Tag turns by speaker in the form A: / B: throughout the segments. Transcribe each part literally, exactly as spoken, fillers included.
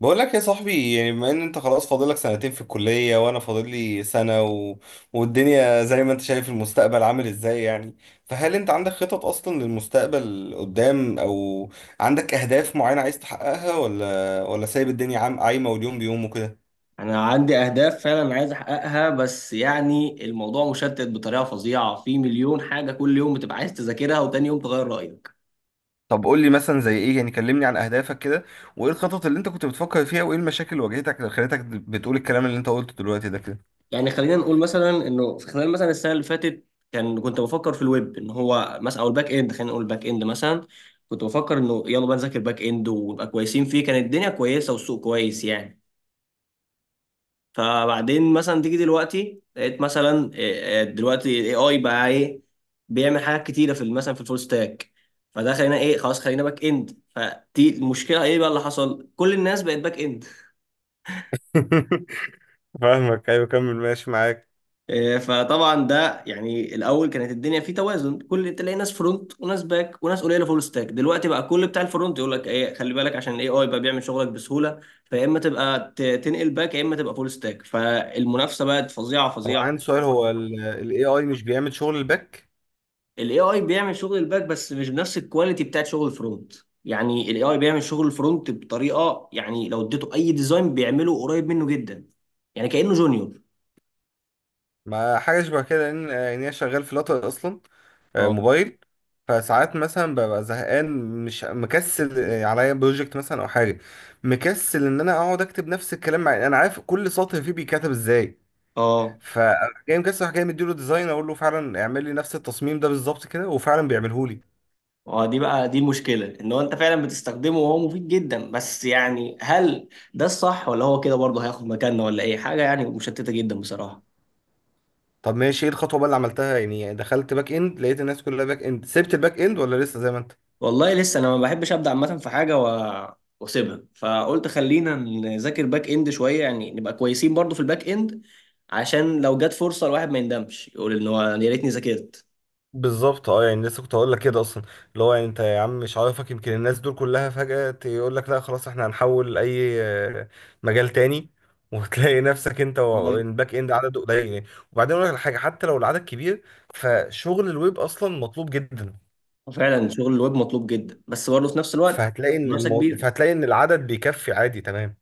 A: بقول لك يا صاحبي، يعني بما ان انت خلاص فاضلك سنتين في الكلية وانا فاضل لي سنة و... والدنيا زي ما انت شايف، المستقبل عامل ازاي يعني؟ فهل انت عندك خطط اصلا للمستقبل قدام، او عندك اهداف معينة عايز تحققها، ولا ولا سايب الدنيا عام عايمة، واليوم بيوم وكده.
B: انا عندي اهداف فعلا عايز احققها، بس يعني الموضوع مشتت بطريقه فظيعه. في مليون حاجه كل يوم بتبقى عايز تذاكرها وتاني يوم تغير رايك.
A: طب قول لي مثلا زي ايه يعني، كلمني عن اهدافك كده، وايه الخطط اللي انت كنت بتفكر فيها، وايه المشاكل اللي واجهتك اللي خلتك بتقول الكلام اللي انت قلته دلوقتي ده كده.
B: يعني خلينا نقول مثلا انه في خلال مثلا السنه اللي فاتت كان كنت بفكر في الويب ان هو مثلا او الباك اند، خلينا نقول الباك اند مثلا. كنت بفكر انه يلا بقى نذاكر باك اند ونبقى كويسين فيه. كانت الدنيا كويسه والسوق كويس يعني. فبعدين مثلا تيجي دلوقتي لقيت مثلا إيه، إيه، دلوقتي الاي اي بقى ايه بيعمل حاجات كتيره في ال- مثلا في الفول ستاك. فده خلينا ايه، خلاص خلينا باك اند. فدي المشكله ايه بقى اللي حصل؟ كل الناس بقت باك اند.
A: فاهمك، ايوه، كمل ماشي معاك.
B: إيه، فطبعا ده يعني الاول كانت الدنيا فيه توازن، كل تلاقي ناس فرونت وناس باك وناس قليله فول ستاك. دلوقتي بقى كل بتاع الفرونت يقول لك ايه، خلي بالك عشان الاي اي بقى بيعمل شغلك بسهوله. فيا اما تبقى ت- تنقل باك يا اما تبقى فول ستاك. فالمنافسه بقت فظيعه
A: طب
B: فظيعه.
A: عندي سؤال، هو ال اي اي مش بيعمل شغل الباك؟
B: الاي اي بيعمل شغل الباك بس مش بنفس الكواليتي بتاعت شغل الفرونت. يعني الاي اي بيعمل شغل الفرونت بطريقه، يعني لو اديته اي ديزاين بيعمله قريب منه جدا، يعني كانه جونيور.
A: ما حاجة شبه كده، لأن يعني أنا شغال في لاتر أصلا، آه،
B: اه.
A: موبايل. فساعات مثلا ببقى زهقان، مش مكسل، آه، عليا بروجكت مثلا أو حاجة، مكسل إن أنا أقعد أكتب نفس الكلام مع أنا عارف كل سطر فيه بيتكتب إزاي.
B: اه.
A: فجاي مكسل أروح جاي مديله ديزاين، أقول له فعلا اعمل لي نفس التصميم ده بالظبط كده، وفعلا بيعمله لي.
B: اه، دي بقى دي المشكله، ان هو انت فعلا بتستخدمه وهو مفيد جدا، بس يعني هل ده الصح ولا هو كده برضه هياخد مكاننا ولا ايه؟ حاجه يعني مشتته جدا بصراحه.
A: طب ماشي، إيه الخطوة بقى اللي عملتها؟ يعني دخلت باك إند، لقيت الناس كلها باك إند، سبت الباك إند ولا لسه زي ما أنت؟
B: والله لسه انا ما بحبش ابدا عامه في حاجه و... واسيبها، فقلت خلينا نذاكر باك اند شويه، يعني نبقى كويسين برضو في الباك اند، عشان لو جت فرصه الواحد ما يندمش يقول ان هو يا ريتني ذاكرت.
A: بالظبط، اه يعني لسه كنت هقول لك كده اصلا، اللي هو يعني انت يا عم مش عارفك، يمكن الناس دول كلها فجأة يقول لك لا خلاص احنا هنحول اي آه، مجال تاني، وتلاقي نفسك انت
B: تمام.
A: والباك اند عدد قليل يعني. وبعدين اقول لك الحاجه، حتى لو العدد كبير، فشغل الويب اصلا مطلوب جدا،
B: فعلا شغل الويب مطلوب جدا، بس برضه في نفس الوقت
A: فهتلاقي ان
B: منافسه
A: الموضوع
B: كبيره.
A: فهتلاقي ان العدد بيكفي عادي تمام.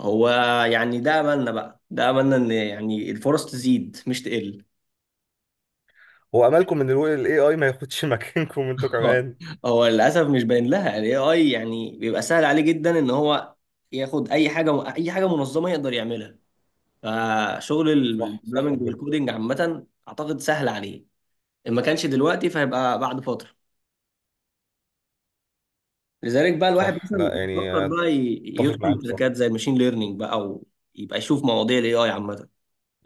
B: هو يعني ده املنا بقى، ده املنا ان يعني الفرص تزيد مش تقل.
A: هو املكم ان الاي اي ما ياخدش مكانكم انتوا
B: هو.
A: كمان؟
B: هو للاسف مش باين لها، الاي اي يعني بيبقى سهل عليه جدا ان هو ياخد اي حاجه، اي حاجه منظمه يقدر يعملها. فشغل
A: صح صح
B: البروجرامنج
A: بجد.
B: والكودينج عامة أعتقد سهل عليه، إن ما كانش دلوقتي فهيبقى بعد فترة. لذلك بقى الواحد
A: صح،
B: مثلا
A: لا
B: بيفكر
A: يعني
B: بقى ي-
A: اتفق
B: يدخل
A: معاك
B: تركات
A: بصراحه.
B: زي الماشين ليرنينج بقى، أو يبقى يشوف مواضيع الاي اي عامة.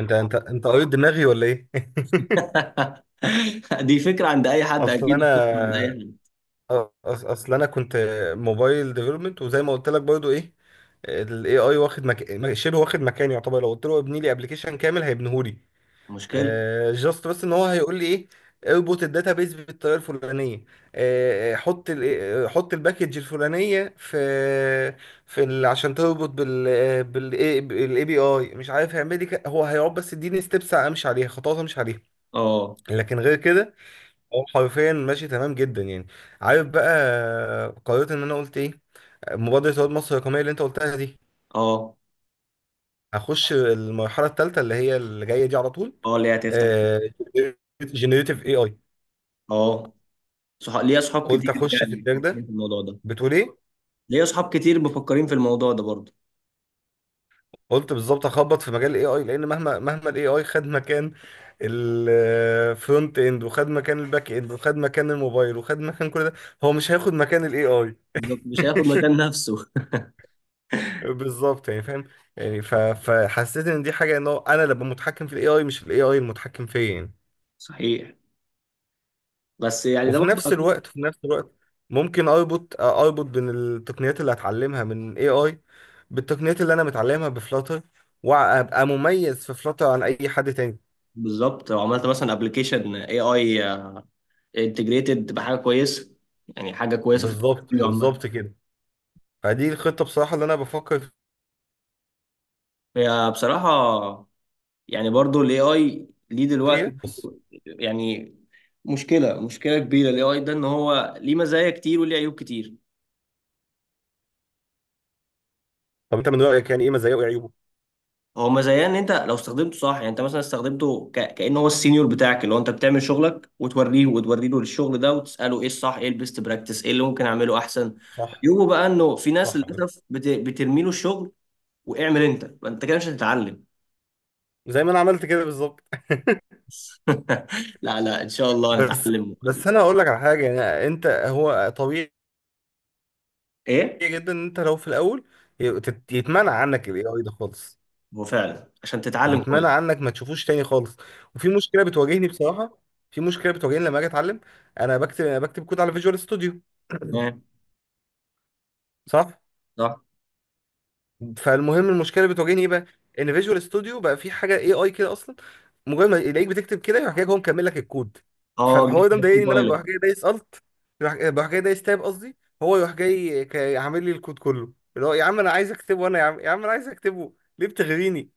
A: انت انت انت قريت دماغي ولا ايه؟
B: دي فكرة عند أي حد،
A: اصل
B: أكيد فكرة عند أي
A: انا،
B: حد.
A: أص- اصل انا كنت موبايل ديفلوبمنت، وزي ما قلت لك برضو ايه، الاي اي واخد مك... م- شبه واخد مكاني يعتبر. لو قلت له ابني لي ابلكيشن كامل هيبنيهولي.
B: مشكلة.
A: آه جاست بس ان هو هيقول لي ايه، اربط الداتا بيز بالطريقه الفلانيه، آه، حط ال آه، حط الباكج الفلانيه في في ال... عشان تربط بال آه، بال بالاي بي اي، مش عارف هيعمل لي ك- هو هيقعد بس يديني ستيبس امشي عليها، خطوات امشي عليها.
B: اه.
A: لكن غير كده هو حرفيا ماشي تمام جدا يعني. عارف بقى قررت ان انا قلت ايه؟ مبادرة رواد مصر الرقمية اللي انت قلتها دي،
B: اه.
A: هخش المرحلة الثالثة اللي هي اللي جاية دي على طول،
B: اه، اللي هي هتفتح.
A: جنريتيف اي اي.
B: اه صح. ليا أصحاب
A: قلت
B: كتير
A: اخش في
B: يعني
A: التراك
B: بيفكروا
A: ده.
B: في الموضوع ده.
A: بتقول ايه؟
B: ليا أصحاب كتير مفكرين في الموضوع ده برضه.
A: قلت بالظبط اخبط في مجال الاي اي، لان مهما مهما الاي اي خد مكان الفرونت اند وخد مكان الباك اند وخد مكان الموبايل وخد مكان كل ده، هو مش هياخد مكان الاي اي.
B: بالظبط، مش هياخد مكان نفسه.
A: بالظبط يعني فاهم. يعني ف... فحسيت ان دي حاجه، ان هو انا اللي ابقى متحكم في الاي اي، مش الاي اي المتحكم فيا يعني.
B: صحيح. بس يعني ده
A: وفي
B: برضه.
A: نفس الوقت في نفس الوقت ممكن اربط اربط بين التقنيات اللي هتعلمها من اي اي بالتقنيات اللي انا متعلمها بفلاتر، وابقى مميز في فلاتر عن اي حد تاني.
B: بالظبط، لو عملت مثلا ابلكيشن اي اي انتجريتد بحاجه كويسه، يعني حاجه كويسه في
A: بالظبط
B: التكنولوجيا عامه.
A: بالظبط كده. فدي الخطه بصراحه اللي انا بفكر
B: هي بصراحه يعني برضو الاي اي ليه دلوقتي
A: فيها، بص.
B: برضو يعني مشكله، مشكله كبيره الاي اي ده، ان هو ليه مزايا كتير وليه عيوب كتير.
A: طب انت من رايك يعني ايه مزايا وعيوبه؟
B: هو مزايا ان انت لو استخدمته صح، يعني انت مثلا استخدمته ك... كأنه هو السينيور بتاعك، اللي هو انت بتعمل شغلك وتوريه، وتوري له الشغل ده وتساله ايه الصح، ايه البيست براكتس، ايه اللي ممكن اعمله احسن.
A: صح
B: عيوبه بقى انه في ناس
A: صح أوي.
B: للاسف بت... بترمي له الشغل واعمل انت. ما انت كده مش هتتعلم.
A: زي ما انا عملت كده بالظبط.
B: لا لا، ان شاء الله
A: بس
B: هنتعلم ون-
A: بس انا هقول لك على حاجه. يعني انت هو طبيعي
B: ايه.
A: جدا ان انت لو في الاول يت- يتمنع عنك الاي اي ده خالص،
B: هو فعلا عشان تتعلم
A: يتمنع
B: كويس.
A: عنك ما تشوفوش تاني خالص. وفي مشكله بتواجهني بصراحه، في مشكله بتواجهني لما اجي اتعلم. انا بكتب انا بكتب كود على فيجوال ستوديو،
B: تمام.
A: صح؟
B: صح.
A: فالمهم المشكله بتواجهني ايه بقى؟ ان فيجوال ستوديو بقى في حاجه اي اي كده اصلا، مجرد ما يلاقيك بتكتب كده يروح جاي هو مكمل لك الكود.
B: اه،
A: فالحوار
B: جيت
A: ده
B: هاب
A: مضايقني، ان انا بروح
B: كوبايلوت.
A: جاي دايس الت بروح بروح جاي دايس تاب قصدي، هو يروح جاي ك- عامل لي الكود كله، اللي هو يا عم انا عايز اكتبه انا، يا عم يا عم انا عايز اكتبه، ليه بتغريني؟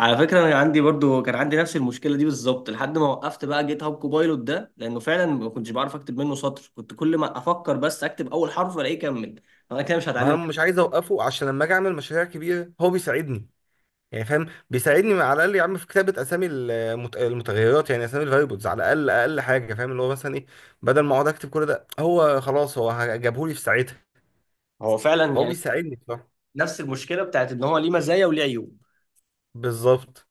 B: على فكره انا عندي برضو كان عندي نفس المشكله دي بالظبط لحد ما وقفت بقى جيت هاب كوبايلوت ده، لانه فعلا ما كنتش بعرف اكتب منه سطر، كنت كل ما افكر بس اكتب اول حرف الاقيه كمل. انا كده مش
A: ما انا
B: هتعلم.
A: مش عايز اوقفه، عشان لما اجي اعمل مشاريع كبيره هو بيساعدني، يعني فاهم. بيساعدني على الاقل يا عم في كتابه اسامي المت- المتغيرات، يعني اسامي الفاريبلز، على الاقل اقل حاجه فاهم اللي هو مثلا ايه. بدل ما اقعد اكتب كل ده، هو خلاص هو جابهولي في ساعتها.
B: هو فعلا
A: فهو
B: يعني
A: بيساعدني بصراحه.
B: نفس المشكله بتاعت ان هو ليه مزايا وليه عيوب.
A: بالظبط.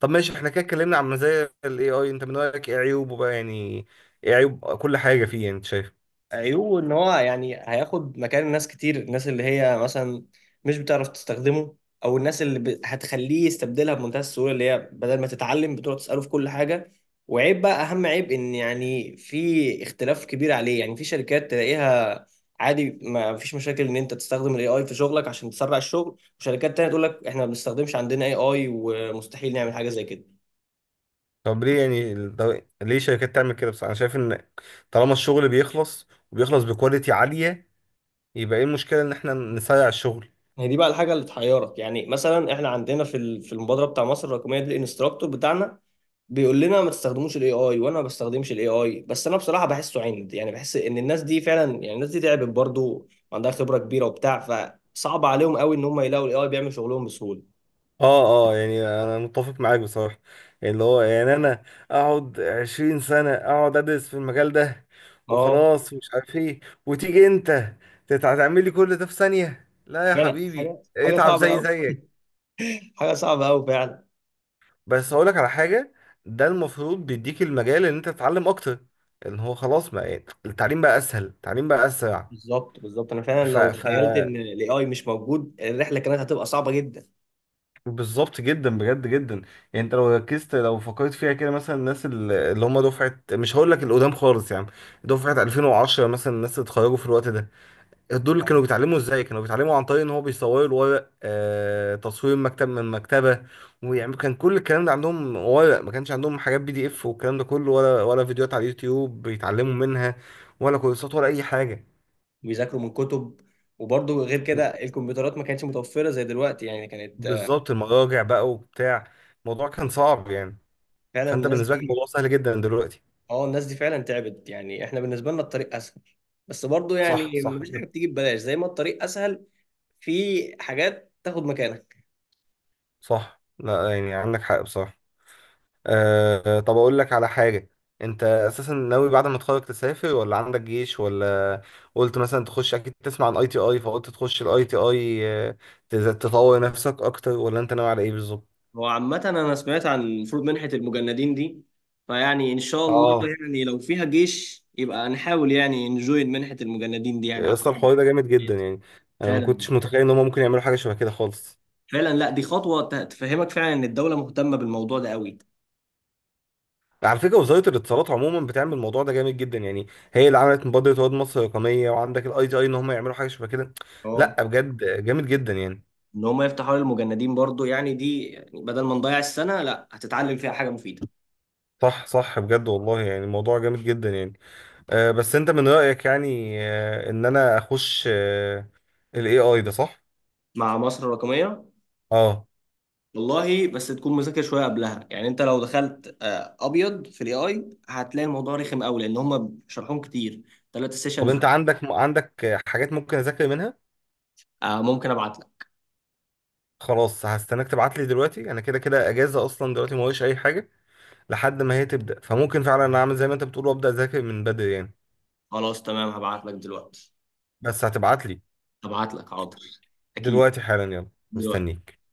A: طب ماشي احنا كده اتكلمنا عن مزايا الاي اي، انت من رايك ايه عيوبه بقى يعني؟ ايه عيوب كل حاجه فيه يعني انت شايف؟
B: عيوبه ان هو يعني هياخد مكان ناس كتير، الناس اللي هي مثلا مش بتعرف تستخدمه، او الناس اللي ب... هتخليه يستبدلها بمنتهى السهوله، اللي هي بدل ما تتعلم بتقعد تساله في كل حاجه. وعيب بقى، اهم عيب، ان يعني في اختلاف كبير عليه، يعني في شركات تلاقيها عادي ما فيش مشاكل ان انت تستخدم الاي اي في شغلك عشان تسرع الشغل، وشركات تانية تقول لك احنا ما بنستخدمش عندنا اي اي ومستحيل نعمل حاجه زي كده.
A: طب ليه يعني ال- ده- ليه شركات تعمل كده؟ بس انا شايف ان طالما الشغل بيخلص وبيخلص بكواليتي عاليه، يبقى ايه المشكلة ان احنا نسرع الشغل؟
B: هي دي بقى الحاجه اللي تحيرك، يعني مثلا احنا عندنا في ال- في المبادره بتاع مصر الرقميه دي، الانستراكتور بتاعنا بيقول لنا ما تستخدموش الاي اي، وانا ما بستخدمش الاي اي. بس انا بصراحه بحسه عند، يعني بحس ان الناس دي فعلا، يعني الناس دي تعبت برضه وعندها خبره كبيره وبتاع، فصعب عليهم قوي ان هم يلاقوا الاي اي بيعمل شغلهم بسهوله.
A: اه اه، يعني انا متفق معاك بصراحة. اللي هو يعني انا اقعد عشرين سنة اقعد ادرس في المجال ده
B: اه
A: وخلاص، ومش عارف ايه، وتيجي انت تت- هتعمل لي كل ده في ثانية؟ لا يا
B: فعلا،
A: حبيبي
B: حاجه حاجه
A: اتعب
B: صعبه
A: زي
B: قوي.
A: زيك.
B: حاجه صعبه قوي فعلا.
A: بس هقولك على حاجة، ده المفروض بيديك المجال ان انت تتعلم اكتر، ان هو خلاص ما التعليم بقى اسهل، التعليم بقى اسرع.
B: بالظبط بالظبط، انا فعلا
A: ف...
B: لو
A: ف...
B: تخيلت ان الاي اي مش موجود الرحله كانت هتبقى صعبه جدا.
A: بالظبط جدا بجد جدا. يعني انت لو ركزت، لو فكرت فيها كده، مثلا الناس ال- اللي هم دفعه، مش هقول لك القدام خالص يا عم، دفعه الفين وعشرة مثلا، الناس اللي اتخرجوا في الوقت ده، دول كانوا بيتعلموا ازاي؟ كانوا بيتعلموا عن طريق ان هو بيصوروا الورق، آه تصوير مكتب من مكتبه. ويعني كان كل الكلام ده عندهم ورق، ما كانش عندهم حاجات بي دي اف والكلام ده كله، ولا ولا فيديوهات على اليوتيوب بيتعلموا منها، ولا كورسات ولا اي حاجه.
B: وبيذاكروا من كتب، وبرضه غير كده الكمبيوترات ما كانتش متوفرة زي دلوقتي، يعني كانت آه،
A: بالظبط، المراجع بقى وبتاع، الموضوع كان صعب يعني.
B: فعلا
A: فانت
B: الناس
A: بالنسبه لك
B: دي.
A: الموضوع سهل جدا دلوقتي.
B: اه الناس دي فعلا تعبت، يعني احنا بالنسبة لنا الطريق اسهل، بس برضه
A: صح
B: يعني
A: صح
B: مفيش حاجة
A: بت-
B: بتيجي ببلاش، زي ما الطريق اسهل في حاجات تاخد مكانك.
A: صح، لا يعني عندك حق بصراحة. أه طب أقول لك على حاجة، أنت أساسا ناوي بعد ما تتخرج تسافر ولا عندك جيش ولا؟ قلت مثلا تخش أكيد تسمع عن أي تي أي، فقلت تخش الأي تي أي تطور نفسك أكتر، ولا أنت ناوي على إيه بالظبط؟
B: هو عامة انا سمعت عن المفروض منحة المجندين دي، فيعني ان شاء الله
A: آه،
B: يعني لو فيها جيش يبقى نحاول يعني نجوين منحة المجندين دي يعني
A: أصلا
B: اعتقد.
A: الحوار ده جامد جدا يعني، أنا ما
B: فعلا.
A: كنتش متخيل إن هما ممكن يعملوا حاجة شبه كده خالص.
B: فعلا، لا دي خطوة ت- تفهمك فعلا ان الدولة مهتمة بالموضوع ده قوي.
A: على فكره، وزاره الاتصالات عموما بتعمل الموضوع ده جامد جدا يعني، هي اللي عملت مبادره واد مصر الرقميه، وعندك الاي تي اي ان هم يعملوا حاجه شبه كده.
B: اه،
A: لا بجد جامد جدا يعني.
B: ان هم يفتحوا حوار المجندين برضو، يعني دي يعني بدل ما نضيع السنه لا هتتعلم فيها حاجه مفيده.
A: صح صح بجد والله، يعني الموضوع جامد جدا يعني. أه بس انت من رايك يعني، أه ان انا اخش أه الاي اي ده صح؟
B: مع مصر الرقميه.
A: اه
B: والله بس تكون مذاكر شويه قبلها، يعني انت لو دخلت آه، ابيض في الاي اي هتلاقي الموضوع رخم قوي لان هم شرحهم كتير، ثلاثة
A: طب
B: سيشنز
A: انت عندك عندك آه، حاجات ممكن اذاكر منها؟
B: آه ممكن ابعت لك.
A: خلاص هستناك تبعت لي دلوقتي، انا كده كده اجازه اصلا دلوقتي ما ورايش اي حاجه لحد ما هي تبدا، فممكن فعلا انا اعمل زي ما انت بتقول وابدا اذاكر من بدري يعني.
B: خلاص تمام هبعت لك دلوقتي.
A: بس هتبعت لي
B: هبعت لك حاضر، اكيد،
A: دلوقتي حالا، يلا.
B: دلوقتي
A: مستنيك.